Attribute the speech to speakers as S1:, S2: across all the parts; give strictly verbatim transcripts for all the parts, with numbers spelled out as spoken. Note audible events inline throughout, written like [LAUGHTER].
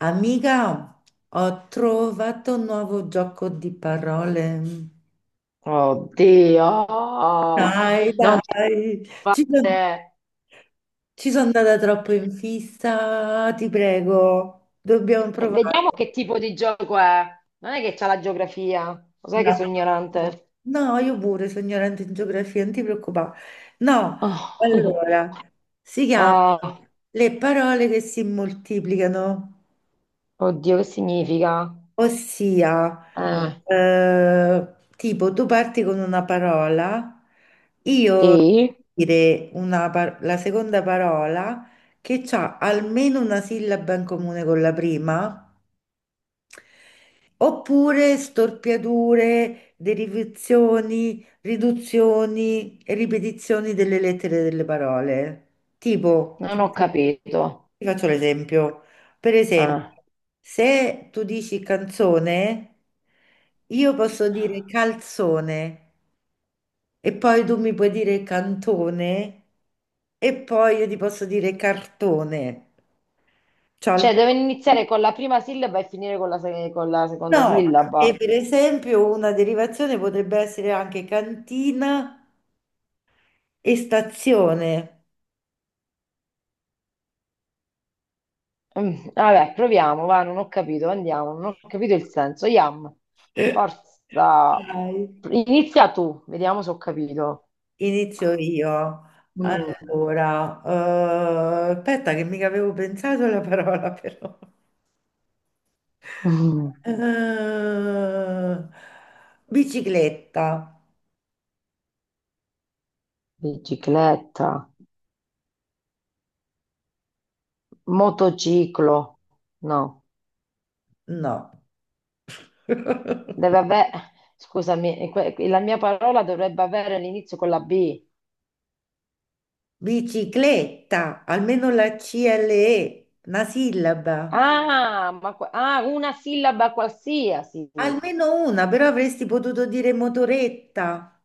S1: Amica, ho trovato un nuovo gioco di parole. Wow,
S2: Oddio,
S1: dai,
S2: non ce
S1: dai,
S2: la
S1: ci sono,
S2: fate.
S1: ci sono andata troppo in fissa, ti prego, dobbiamo
S2: Eh, Vediamo
S1: provare.
S2: che tipo di gioco è. Non è che c'ha la geografia, lo sai che
S1: No,
S2: sono ignorante.
S1: no, io pure sono ignorante in geografia, non ti preoccupare. No,
S2: Oh. [LAUGHS]
S1: allora, si chiama
S2: Eh,
S1: le parole che si moltiplicano,
S2: oddio, che significa?
S1: ossia...
S2: Eh,
S1: Eh, tipo, tu parti con una parola, io
S2: sì,
S1: dire una par- la seconda parola che ha almeno una sillaba in comune con la prima, oppure storpiature, derivazioni, riduzioni e ripetizioni delle lettere delle parole. Tipo,
S2: non
S1: ti
S2: ho capito.
S1: ti faccio l'esempio. Per esempio,
S2: Eh,
S1: se tu dici canzone, io posso dire calzone e poi tu mi puoi dire cantone e poi io ti posso dire cartone. Ciao.
S2: Cioè, deve iniziare con la prima sillaba e finire con la, se- con la seconda
S1: No, e
S2: sillaba.
S1: per esempio una derivazione potrebbe essere anche cantina e stazione.
S2: Mm, Vabbè, proviamo, va, non ho capito, andiamo, non ho capito il senso. Yam,
S1: [LAUGHS]
S2: forza.
S1: Dai,
S2: Inizia tu, vediamo se ho capito.
S1: inizio io.
S2: Mm.
S1: Allora, eh, aspetta che mica avevo pensato alla parola però.
S2: Mm,
S1: Eh, bicicletta.
S2: Bicicletta, motociclo, no,
S1: No. [LAUGHS]
S2: deve avere, scusami, que- la mia parola dovrebbe avere l'inizio con la B.
S1: Bicicletta, almeno la ci elle e, una sillaba.
S2: Ah, ma que- ah, una sillaba qualsiasi.
S1: Almeno una, però avresti potuto dire motoretta.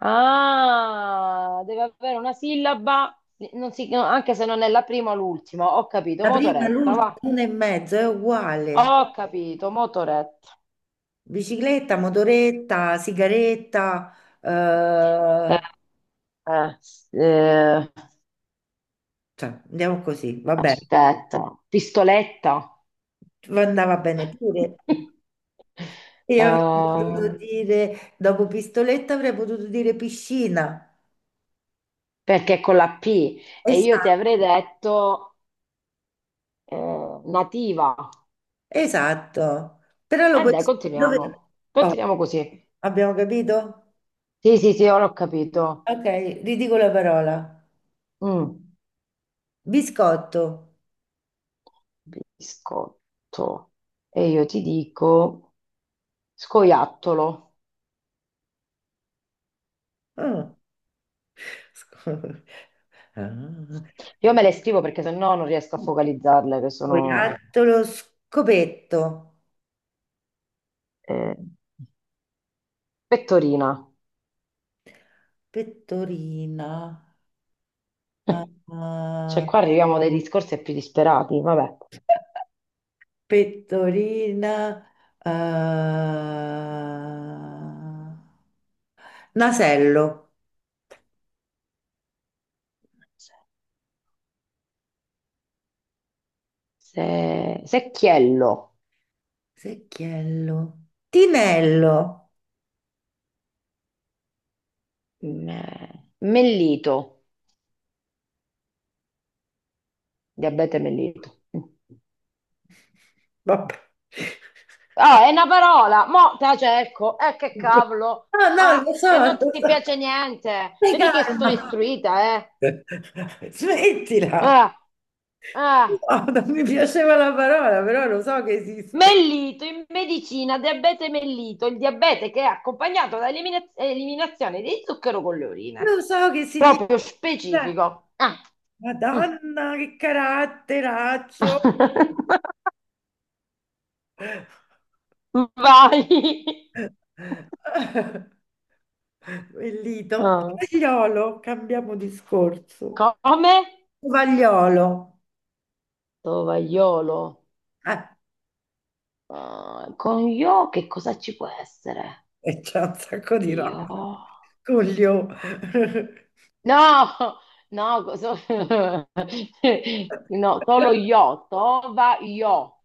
S2: Ah, deve avere una sillaba, non si- no, anche se non è la prima o l'ultima. Ho capito,
S1: La prima,
S2: motoretta,
S1: l'ultima,
S2: va.
S1: una e mezzo, è uguale.
S2: Ho capito, motoretta.
S1: Bicicletta, motoretta, sigaretta,
S2: Eh,
S1: eh,
S2: eh, eh,
S1: cioè, andiamo così, va bene.
S2: aspetta, pistoletta.
S1: Andava bene pure.
S2: [LAUGHS] Eh,
S1: Io avrei potuto dire, dopo pistoletta avrei potuto dire piscina.
S2: perché è con la P e io ti
S1: Esatto,
S2: avrei detto eh, nativa.
S1: esatto. Però lo
S2: Eh
S1: puoi...
S2: dai,
S1: Dove...
S2: continuiamo.
S1: Oh,
S2: Continuiamo così.
S1: abbiamo capito?
S2: Sì, sì, sì, ora ho capito.
S1: Ok, ridico la parola.
S2: Mm.
S1: Biscotto.
S2: Biscotto. E io ti dico scoiattolo.
S1: Mm. Sco- [LAUGHS] Ah.
S2: Io me le scrivo perché sennò non riesco a focalizzarle, che sono
S1: Scoiattolo, scopetto,
S2: eh, pettorina.
S1: pettorina, ah,
S2: [LAUGHS] Cioè
S1: ah,
S2: qua arriviamo a dei discorsi più disperati, vabbè.
S1: pettorina, ah, nasello,
S2: Se- secchiello.
S1: secchiello, tinello.
S2: Me- mellito, diabete mellito.
S1: [LAUGHS] Vabbè.
S2: Ah, è una parola, mo te la cerco, eh che cavolo.
S1: No, no,
S2: Ah,
S1: lo so,
S2: e non
S1: lo
S2: ti
S1: so.
S2: piace niente.
S1: Stai
S2: Vedi che sono
S1: calma.
S2: istruita, eh.
S1: [LAUGHS] Smettila!
S2: Ah, ah.
S1: No, non mi piaceva la parola, però lo so che esiste.
S2: Mellito in medicina, diabete mellito, il diabete che è accompagnato da elimina- eliminazione di zucchero con le
S1: Lo
S2: urine.
S1: so che significa.
S2: Proprio specifico. Ah. Mm.
S1: Madonna, che caratteraccio!
S2: [LAUGHS] Vai.
S1: [LAUGHS] Bellito.
S2: Ah.
S1: Cagliolo, cambiamo discorso.
S2: Come?
S1: Tovagliolo.
S2: Tovagliolo.
S1: Eh,
S2: Ah, con io che cosa ci può essere?
S1: e c'è un sacco di
S2: Io?
S1: roba. Coglio. [LAUGHS]
S2: No, no, so- [LAUGHS] no, solo io, tova io.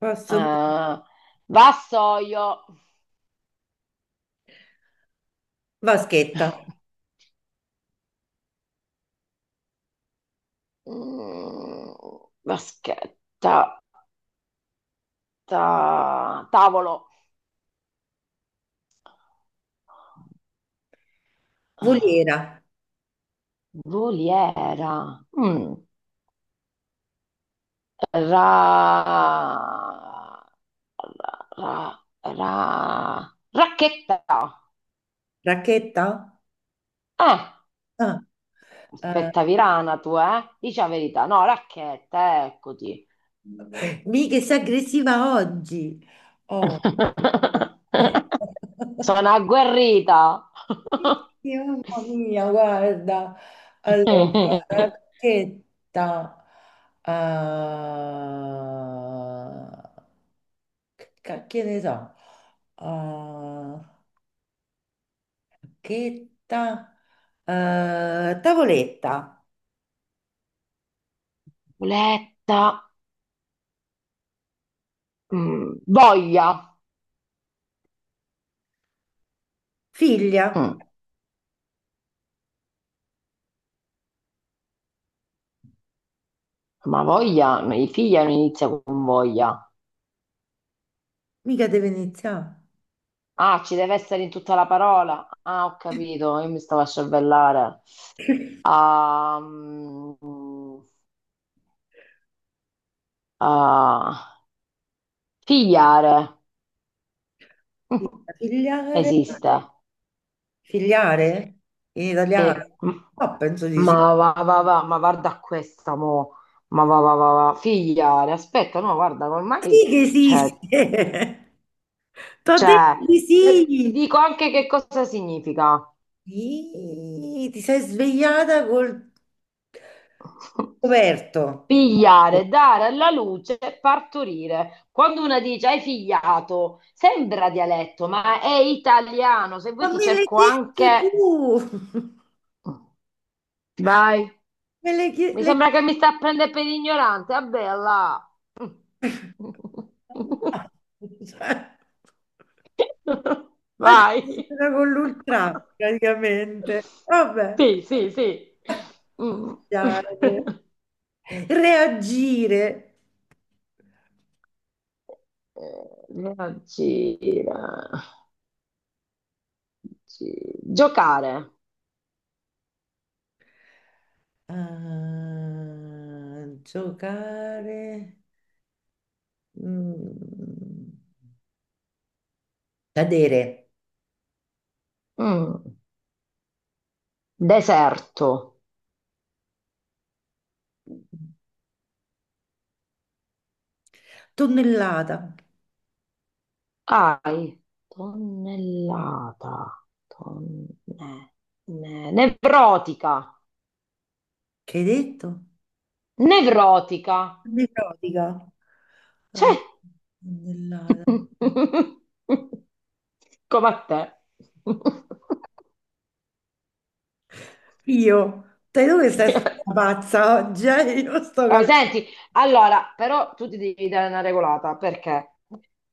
S1: Posso...
S2: Eh, vassoio,
S1: Vaschetta.
S2: Mm, Vaschetta, ta- tavolo. Ah,
S1: Volera,
S2: voliera. Mm, ra, ra- ra- ra- Racchetta.
S1: racchetta?
S2: Eh,
S1: Ah, eh,
S2: aspetta, Virana, tu, eh? Dici la verità. No, racchetta, eccoti.
S1: mica sei aggressiva oggi. Oh.
S2: [LAUGHS]
S1: [LAUGHS]
S2: Sono agguerrita.
S1: Sì, mamma mia, guarda. Allora,
S2: [LAUGHS]
S1: racchetta. ah, che ca- che ne so? Ah, racchetta. eh, tavoletta.
S2: Boletta, mm, voglia.
S1: Figlia.
S2: Mm, ma voglia, no, i figli non inizia con voglia.
S1: Mica deve iniziare.
S2: Ah, ci deve essere in tutta la parola. Ah, ho capito, io mi stavo a cervellare.
S1: [LAUGHS]
S2: Ah, mm, ah, figliare
S1: Figlia,
S2: [LAUGHS]
S1: figliare.
S2: esiste.
S1: Figliare? In sì. Italiano?
S2: Sì. Mm.
S1: No, penso di sì.
S2: Ma va, va, va, ma guarda questa, mo. Ma va, va, va, va. Figliare, aspetta, no, guarda,
S1: Sì
S2: ormai,
S1: che
S2: cioè,
S1: esiste! [LAUGHS] T'ho detto
S2: cioè,
S1: di
S2: ti
S1: sì!
S2: dico anche che cosa significa.
S1: Ih, ti sei svegliata col coperto.
S2: Pigliare, dare alla luce, partorire. Quando una dice hai figliato, sembra dialetto, ma è italiano. Se
S1: Ma
S2: vuoi ti
S1: me l'hai
S2: cerco
S1: chiesto
S2: anche...
S1: tu!
S2: Vai.
S1: [LAUGHS] Me l'hai chie-
S2: Mi
S1: l'hai
S2: sembra
S1: chiesto...
S2: che mi sta a prendere per ignorante. Vabbè, là. [LAUGHS]
S1: [LAUGHS] Oggi
S2: Vai.
S1: sono con l'ultra, praticamente. Vabbè.
S2: Sì, sì, sì. Mm.
S1: Dai.
S2: [LAUGHS]
S1: Reagire.
S2: Eh, Reagire. Gi- Giocare.
S1: Ah, giocare. Mm. Cadere.
S2: Mm. Deserto.
S1: Tonnellata.
S2: Ai. Tonnellata. Tonne- ne- Nevrotica.
S1: Che hai detto?
S2: Nevrotica.
S1: Nevrotica. Eh,
S2: C'è.
S1: tonnellata.
S2: [LAUGHS] Come a te. [LAUGHS]
S1: Io, sai dove stai stata pazza oggi? Eh? Io sto
S2: Eh,
S1: calcolando.
S2: senti, allora, però tu ti devi dare una regolata perché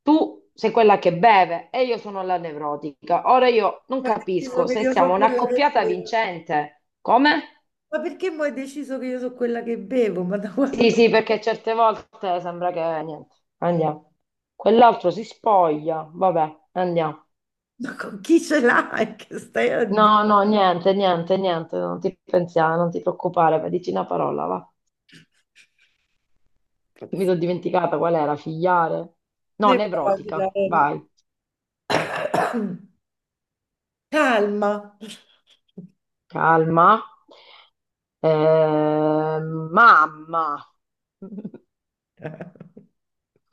S2: tu sei quella che beve e io sono la nevrotica. Ora io non
S1: Mo' hai deciso
S2: capisco
S1: che
S2: se
S1: io sono
S2: siamo
S1: quella che
S2: un'accoppiata
S1: bevo.
S2: vincente. Come?
S1: Ma perché mo' hai deciso che io sono quella che bevo? Ma da quando?
S2: Sì, sì, perché certe volte sembra che niente, andiamo. Quell'altro si spoglia, vabbè, andiamo.
S1: Ma con chi ce l'hai? Che stai a dire?
S2: No, no, niente, niente, niente, non ti pensare, non ti preoccupare, vai, dici una parola, va. Mi sono dimenticata qual era, figliare? No,
S1: Nevrotica.
S2: nevrotica,
S1: Vero?
S2: vai,
S1: [COUGHS] Calma,
S2: calma. Ehm, mamma.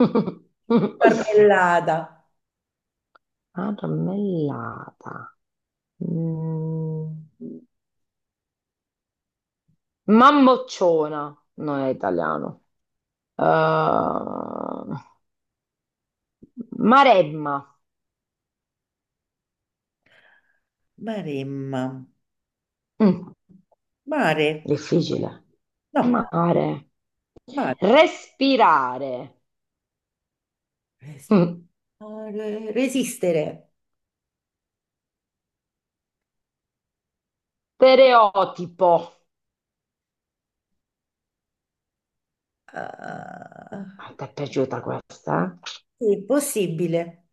S2: [LAUGHS]
S1: marmellada,
S2: Marmellata. Mm. Mammocciona, non è italiano. Uh, Maremma.
S1: maremma,
S2: Mm,
S1: mare,
S2: Difficile.
S1: no,
S2: Mare.
S1: mare,
S2: Respirare.
S1: Res-
S2: Mm,
S1: Mare- resistere,
S2: Stereotipo.
S1: ah,
S2: A te è piaciuta questa?
S1: sì, possibile,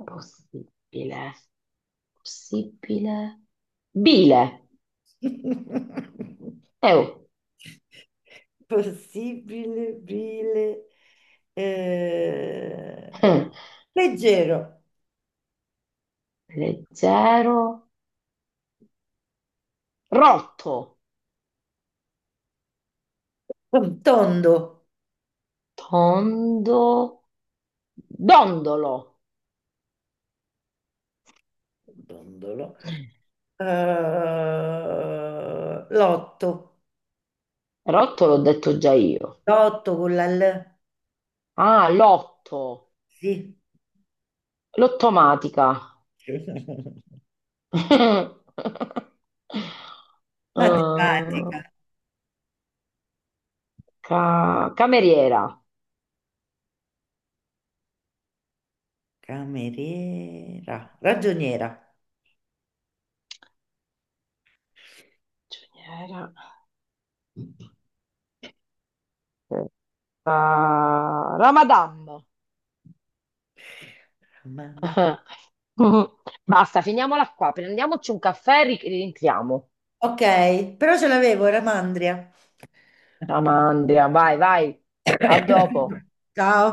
S2: Eh? Possibile. Possibile. Bile.
S1: [LAUGHS]
S2: Eh, oh.
S1: possibile, bile, eh,
S2: Eh.
S1: leggero,
S2: Leggero. Rotto.
S1: tondo,
S2: Tondo. Dondolo.
S1: tondolo,
S2: Mm.
S1: Eh, l'otto,
S2: Rotto l'ho detto già io.
S1: l'otto con la L,
S2: Ah, lotto.
S1: sì,
S2: Lottomatica.
S1: [LAUGHS]
S2: [LAUGHS] Eh,
S1: matematica,
S2: ca- Cameriera.
S1: cameriera, ragioniera.
S2: Giornaliera. Eh, Ramadan. [LAUGHS] Ah, la Madame.
S1: Ramanda-
S2: Basta, finiamola qua. Prendiamoci un caffè e ri- rientriamo.
S1: Ok, però ce l'avevo, Ramandria.
S2: Ramandria, vai, vai. A dopo.
S1: [COUGHS] Ciao.